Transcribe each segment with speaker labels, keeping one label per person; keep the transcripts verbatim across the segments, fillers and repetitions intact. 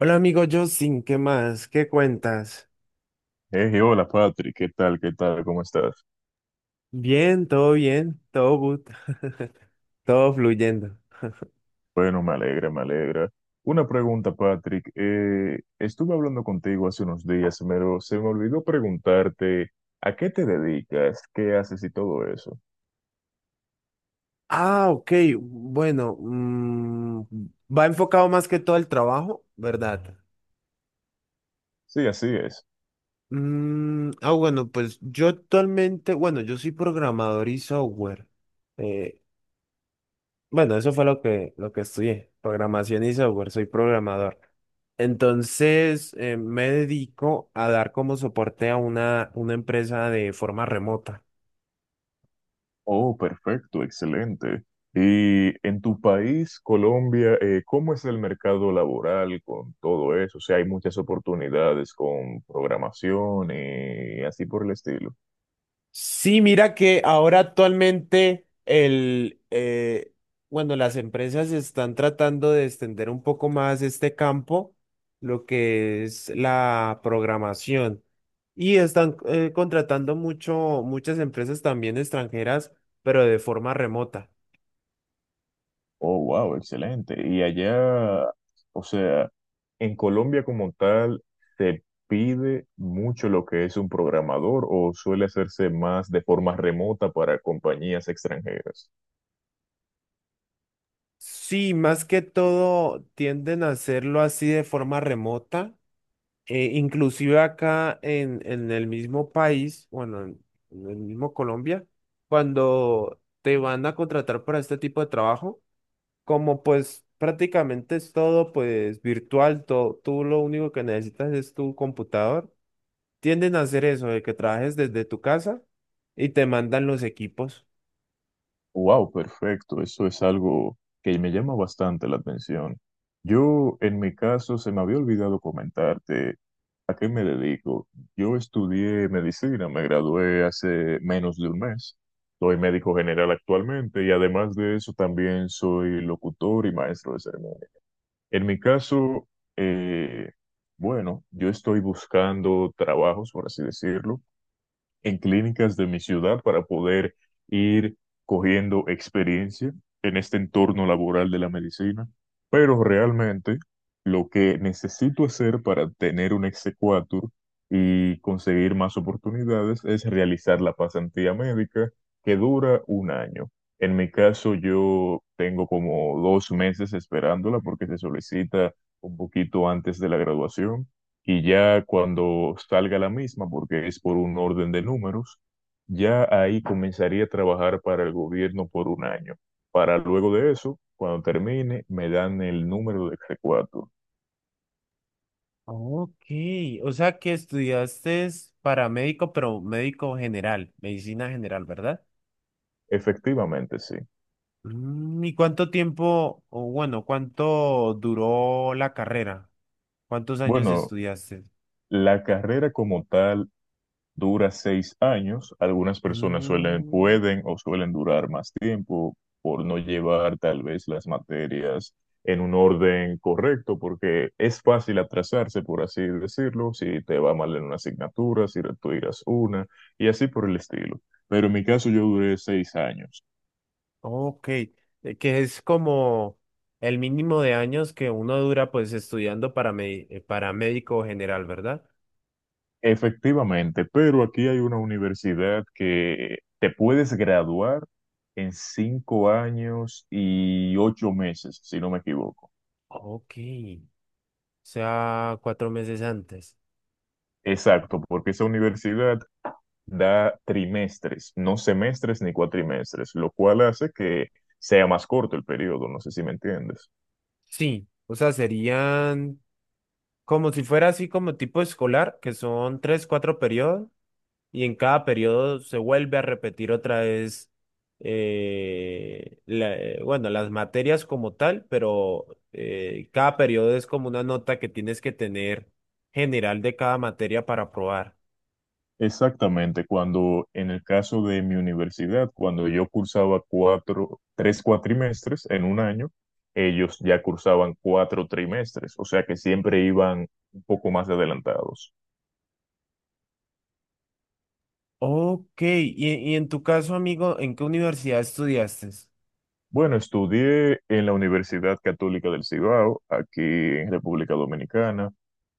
Speaker 1: Hola amigo Justin, ¿qué más? ¿Qué cuentas?
Speaker 2: Hey, hola Patrick, ¿qué tal? ¿Qué tal? ¿Cómo estás?
Speaker 1: Bien, todo bien, todo good, todo fluyendo.
Speaker 2: Bueno, me alegra, me alegra. Una pregunta, Patrick. Eh, estuve hablando contigo hace unos días, pero se me olvidó preguntarte ¿a qué te dedicas? ¿Qué haces y todo eso?
Speaker 1: Ah, ok, bueno, mm, va enfocado más que todo al trabajo, ¿verdad?
Speaker 2: Sí, así es.
Speaker 1: Mm, ah, bueno, pues yo actualmente, bueno, yo soy programador y software. Eh, Bueno, eso fue lo que, lo que estudié, programación y software, soy programador. Entonces, eh, me dedico a dar como soporte a una, una empresa de forma remota.
Speaker 2: Oh, perfecto, excelente. Y en tu país, Colombia, eh, ¿cómo es el mercado laboral con todo eso? O sea, hay muchas oportunidades con programación y así por el estilo.
Speaker 1: Sí, mira que ahora actualmente el, eh, bueno, las empresas están tratando de extender un poco más este campo, lo que es la programación. Y están eh, contratando mucho, muchas empresas también extranjeras, pero de forma remota.
Speaker 2: Oh, wow, excelente. Y allá, o sea, en Colombia como tal, ¿se pide mucho lo que es un programador o suele hacerse más de forma remota para compañías extranjeras?
Speaker 1: Sí, más que todo tienden a hacerlo así de forma remota. Eh, inclusive acá en, en el mismo país, bueno, en, en el mismo Colombia, cuando te van a contratar para este tipo de trabajo, como pues prácticamente es todo pues virtual, to- tú lo único que necesitas es tu computador, tienden a hacer eso, de que trabajes desde tu casa y te mandan los equipos.
Speaker 2: Wow, perfecto. Eso es algo que me llama bastante la atención. Yo, en mi caso, se me había olvidado comentarte a qué me dedico. Yo estudié medicina, me gradué hace menos de un mes. Soy médico general actualmente y además de eso también soy locutor y maestro de ceremonia. En mi caso, eh, bueno, yo estoy buscando trabajos, por así decirlo en clínicas de mi ciudad para poder ir cogiendo experiencia en este entorno laboral de la medicina, pero realmente lo que necesito hacer para tener un exequatur y conseguir más oportunidades es realizar la pasantía médica que dura un año. En mi caso, yo tengo como dos meses esperándola porque se solicita un poquito antes de la graduación y ya cuando salga la misma, porque es por un orden de números, ya ahí comenzaría a trabajar para el gobierno por un año. Para luego de eso, cuando termine, me dan el número de c.
Speaker 1: Ok, o sea que estudiaste es para médico, pero médico general, medicina general, ¿verdad?
Speaker 2: Efectivamente, sí.
Speaker 1: Mm, ¿y cuánto tiempo, o bueno, cuánto duró la carrera? ¿Cuántos años
Speaker 2: Bueno,
Speaker 1: estudiaste?
Speaker 2: la carrera como tal dura seis años. Algunas personas suelen,
Speaker 1: Mm,
Speaker 2: pueden o suelen durar más tiempo por no llevar tal vez las materias en un orden correcto, porque es fácil atrasarse, por así decirlo, si te va mal en una asignatura, si retiras una, y así por el estilo. Pero en mi caso yo duré seis años.
Speaker 1: ok, eh, que es como el mínimo de años que uno dura pues estudiando para, me- eh, para médico general, ¿verdad?
Speaker 2: Efectivamente, pero aquí hay una universidad que te puedes graduar en cinco años y ocho meses, si no me equivoco.
Speaker 1: Ok, o sea, cuatro meses antes.
Speaker 2: Exacto, porque esa universidad da trimestres, no semestres ni cuatrimestres, lo cual hace que sea más corto el periodo, no sé si me entiendes.
Speaker 1: Sí, o sea, serían... Como si fuera así como tipo escolar, que son tres, cuatro periodos, y en cada periodo se vuelve a repetir otra vez, eh, la- eh, bueno, las materias como tal, pero eh, cada periodo es como una nota que tienes que tener general de cada materia para aprobar.
Speaker 2: Exactamente, cuando en el caso de mi universidad, cuando yo cursaba cuatro, tres cuatrimestres en un año, ellos ya cursaban cuatro trimestres, o sea que siempre iban un poco más adelantados.
Speaker 1: Ok, y, y en tu caso, amigo, ¿en qué universidad estudiaste?
Speaker 2: Bueno, estudié en la Universidad Católica del Cibao, aquí en República Dominicana,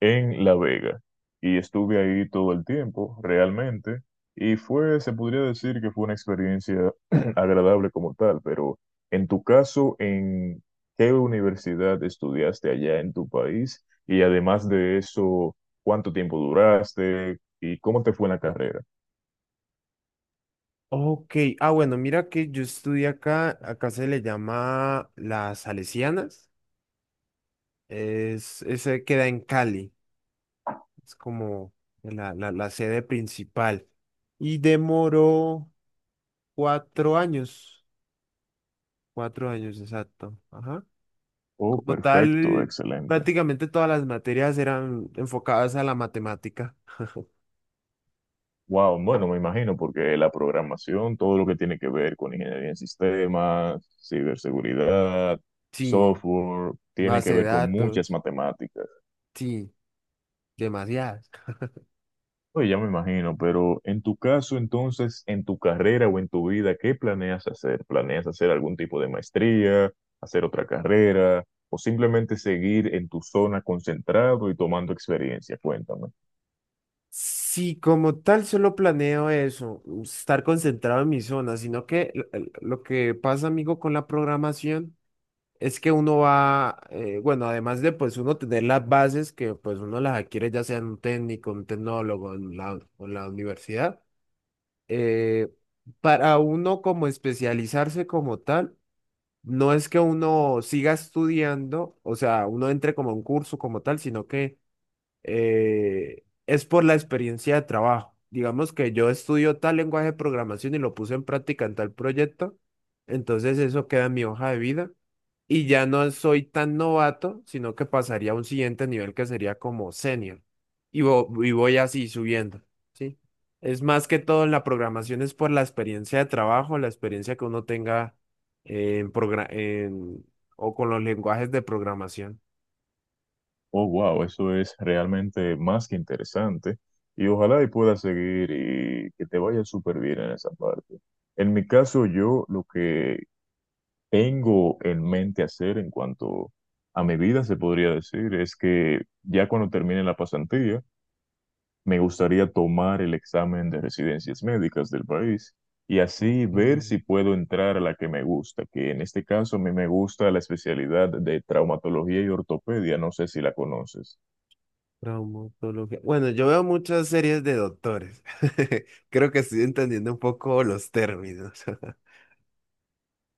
Speaker 2: en La Vega, y estuve ahí todo el tiempo, realmente, y fue, se podría decir que fue una experiencia agradable como tal, pero en tu caso, ¿en qué universidad estudiaste allá en tu país? Y además de eso, ¿cuánto tiempo duraste y cómo te fue en la carrera?
Speaker 1: Ok, ah, bueno, mira que yo estudié acá, acá se le llama las Salesianas. Es, ese queda en Cali, es como la, la, la sede principal. Y demoró cuatro años, cuatro años exacto. Ajá.
Speaker 2: Oh,
Speaker 1: Como
Speaker 2: perfecto,
Speaker 1: tal,
Speaker 2: excelente.
Speaker 1: prácticamente todas las materias eran enfocadas a la matemática.
Speaker 2: Wow, bueno, me imagino, porque la programación, todo lo que tiene que ver con ingeniería en sistemas, ciberseguridad,
Speaker 1: Sí,
Speaker 2: software, tiene que
Speaker 1: base de
Speaker 2: ver con muchas
Speaker 1: datos,
Speaker 2: matemáticas.
Speaker 1: sí, demasiadas.
Speaker 2: Oye, ya me imagino, pero en tu caso, entonces, en tu carrera o en tu vida, ¿qué planeas hacer? ¿Planeas hacer algún tipo de maestría, hacer otra carrera, o simplemente seguir en tu zona concentrado y tomando experiencia? Cuéntame.
Speaker 1: Sí, como tal, solo planeo eso, estar concentrado en mi zona, sino que l- l- lo que pasa, amigo, con la programación. Es que uno va, eh, bueno, además de pues uno tener las bases que pues uno las adquiere ya sea en un técnico, un tecnólogo, en la, o en la universidad, eh, para uno como especializarse como tal, no es que uno siga estudiando, o sea, uno entre como a un curso como tal, sino que eh, es por la experiencia de trabajo. Digamos que yo estudio tal lenguaje de programación y lo puse en práctica en tal proyecto, entonces eso queda en mi hoja de vida y ya no soy tan novato, sino que pasaría a un siguiente nivel que sería como senior y, vo- y voy así subiendo, ¿sí? Es más que todo en la programación, es por la experiencia de trabajo, la experiencia que uno tenga en progra- en- o con los lenguajes de programación.
Speaker 2: Oh, wow, eso es realmente más que interesante. Y ojalá y puedas seguir y que te vaya súper bien en esa parte. En mi caso, yo lo que tengo en mente hacer en cuanto a mi vida, se podría decir, es que ya cuando termine la pasantía, me gustaría tomar el examen de residencias médicas del país y así
Speaker 1: Ok.
Speaker 2: ver si puedo entrar a la que me gusta, que en este caso a mí me gusta la especialidad de traumatología y ortopedia, no sé si la conoces.
Speaker 1: Traumatología. Bueno, yo veo muchas series de doctores. Creo que estoy entendiendo un poco los términos.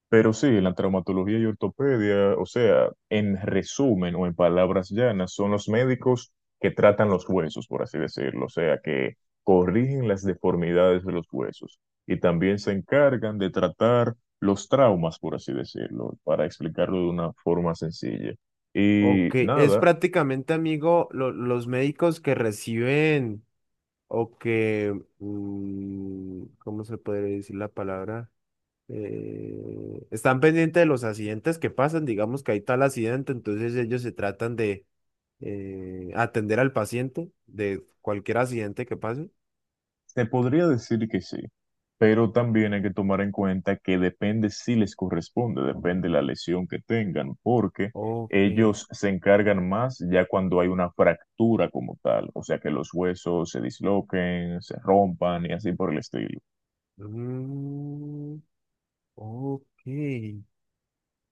Speaker 2: Pero sí, la traumatología y ortopedia, o sea, en resumen o en palabras llanas, son los médicos que tratan los huesos, por así decirlo, o sea, que corrigen las deformidades de los huesos y también se encargan de tratar los traumas, por así decirlo, para explicarlo de una forma sencilla. Y
Speaker 1: Ok, es
Speaker 2: nada,
Speaker 1: prácticamente, amigo, lo- los médicos que reciben o que, mm, ¿cómo se puede decir la palabra? Eh, están pendientes de los accidentes que pasan, digamos que hay tal accidente, entonces ellos se tratan de eh, atender al paciente de cualquier accidente que pase.
Speaker 2: te podría decir que sí, pero también hay que tomar en cuenta que depende si les corresponde, depende la lesión que tengan, porque
Speaker 1: Ok.
Speaker 2: ellos se encargan más ya cuando hay una fractura como tal, o sea que los huesos se disloquen, se rompan y así por el estilo.
Speaker 1: Mm, ok.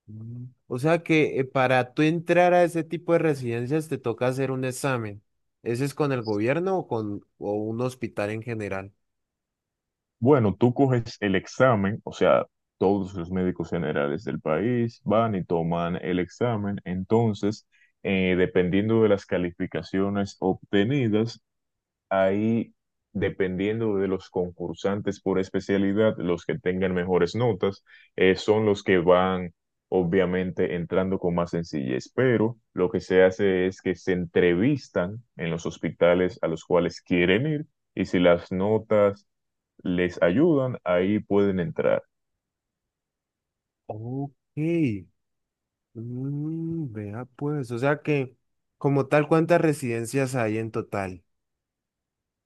Speaker 1: Mm. O sea que eh, para tú entrar a ese tipo de residencias te toca hacer un examen. ¿Ese es con el gobierno o con o un hospital en general?
Speaker 2: Bueno, tú coges el examen, o sea, todos los médicos generales del país van y toman el examen, entonces eh, dependiendo de las calificaciones obtenidas, ahí, dependiendo de los concursantes por especialidad, los que tengan mejores notas eh, son los que van, obviamente, entrando con más sencillez. Pero lo que se hace es que se entrevistan en los hospitales a los cuales quieren ir y si las notas les ayudan, ahí pueden entrar.
Speaker 1: Ok. Mm, vea pues, o sea que como tal, ¿cuántas residencias hay en total?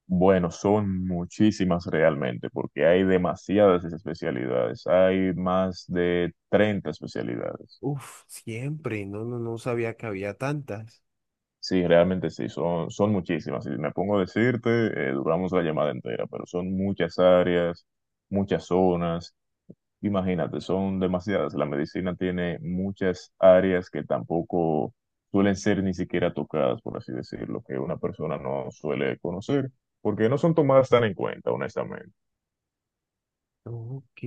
Speaker 2: Bueno, son muchísimas realmente, porque hay demasiadas especialidades, hay más de treinta especialidades.
Speaker 1: Uf, siempre, no, no, no sabía que había tantas.
Speaker 2: Sí, realmente sí, son, son muchísimas. Si me pongo a decirte, eh, duramos la llamada entera, pero son muchas áreas, muchas zonas. Imagínate, son demasiadas. La medicina tiene muchas áreas que tampoco suelen ser ni siquiera tocadas, por así decirlo, que una persona no suele conocer, porque no son tomadas tan en cuenta, honestamente.
Speaker 1: Ok,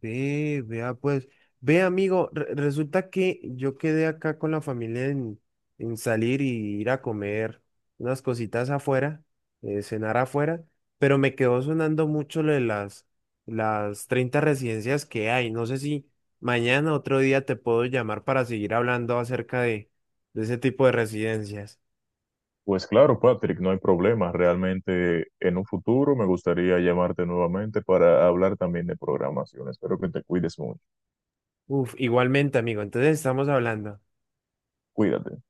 Speaker 1: ve, vea pues, ve amigo, re- resulta que yo quedé acá con la familia en, en salir y ir a comer unas cositas afuera, eh, cenar afuera, pero me quedó sonando mucho lo de las, las treinta residencias que hay. No sé si mañana otro día te puedo llamar para seguir hablando acerca de, de ese tipo de residencias.
Speaker 2: Pues claro, Patrick, no hay problema. Realmente en un futuro me gustaría llamarte nuevamente para hablar también de programación. Espero que te cuides mucho.
Speaker 1: Uf, igualmente amigo, entonces estamos hablando.
Speaker 2: Cuídate.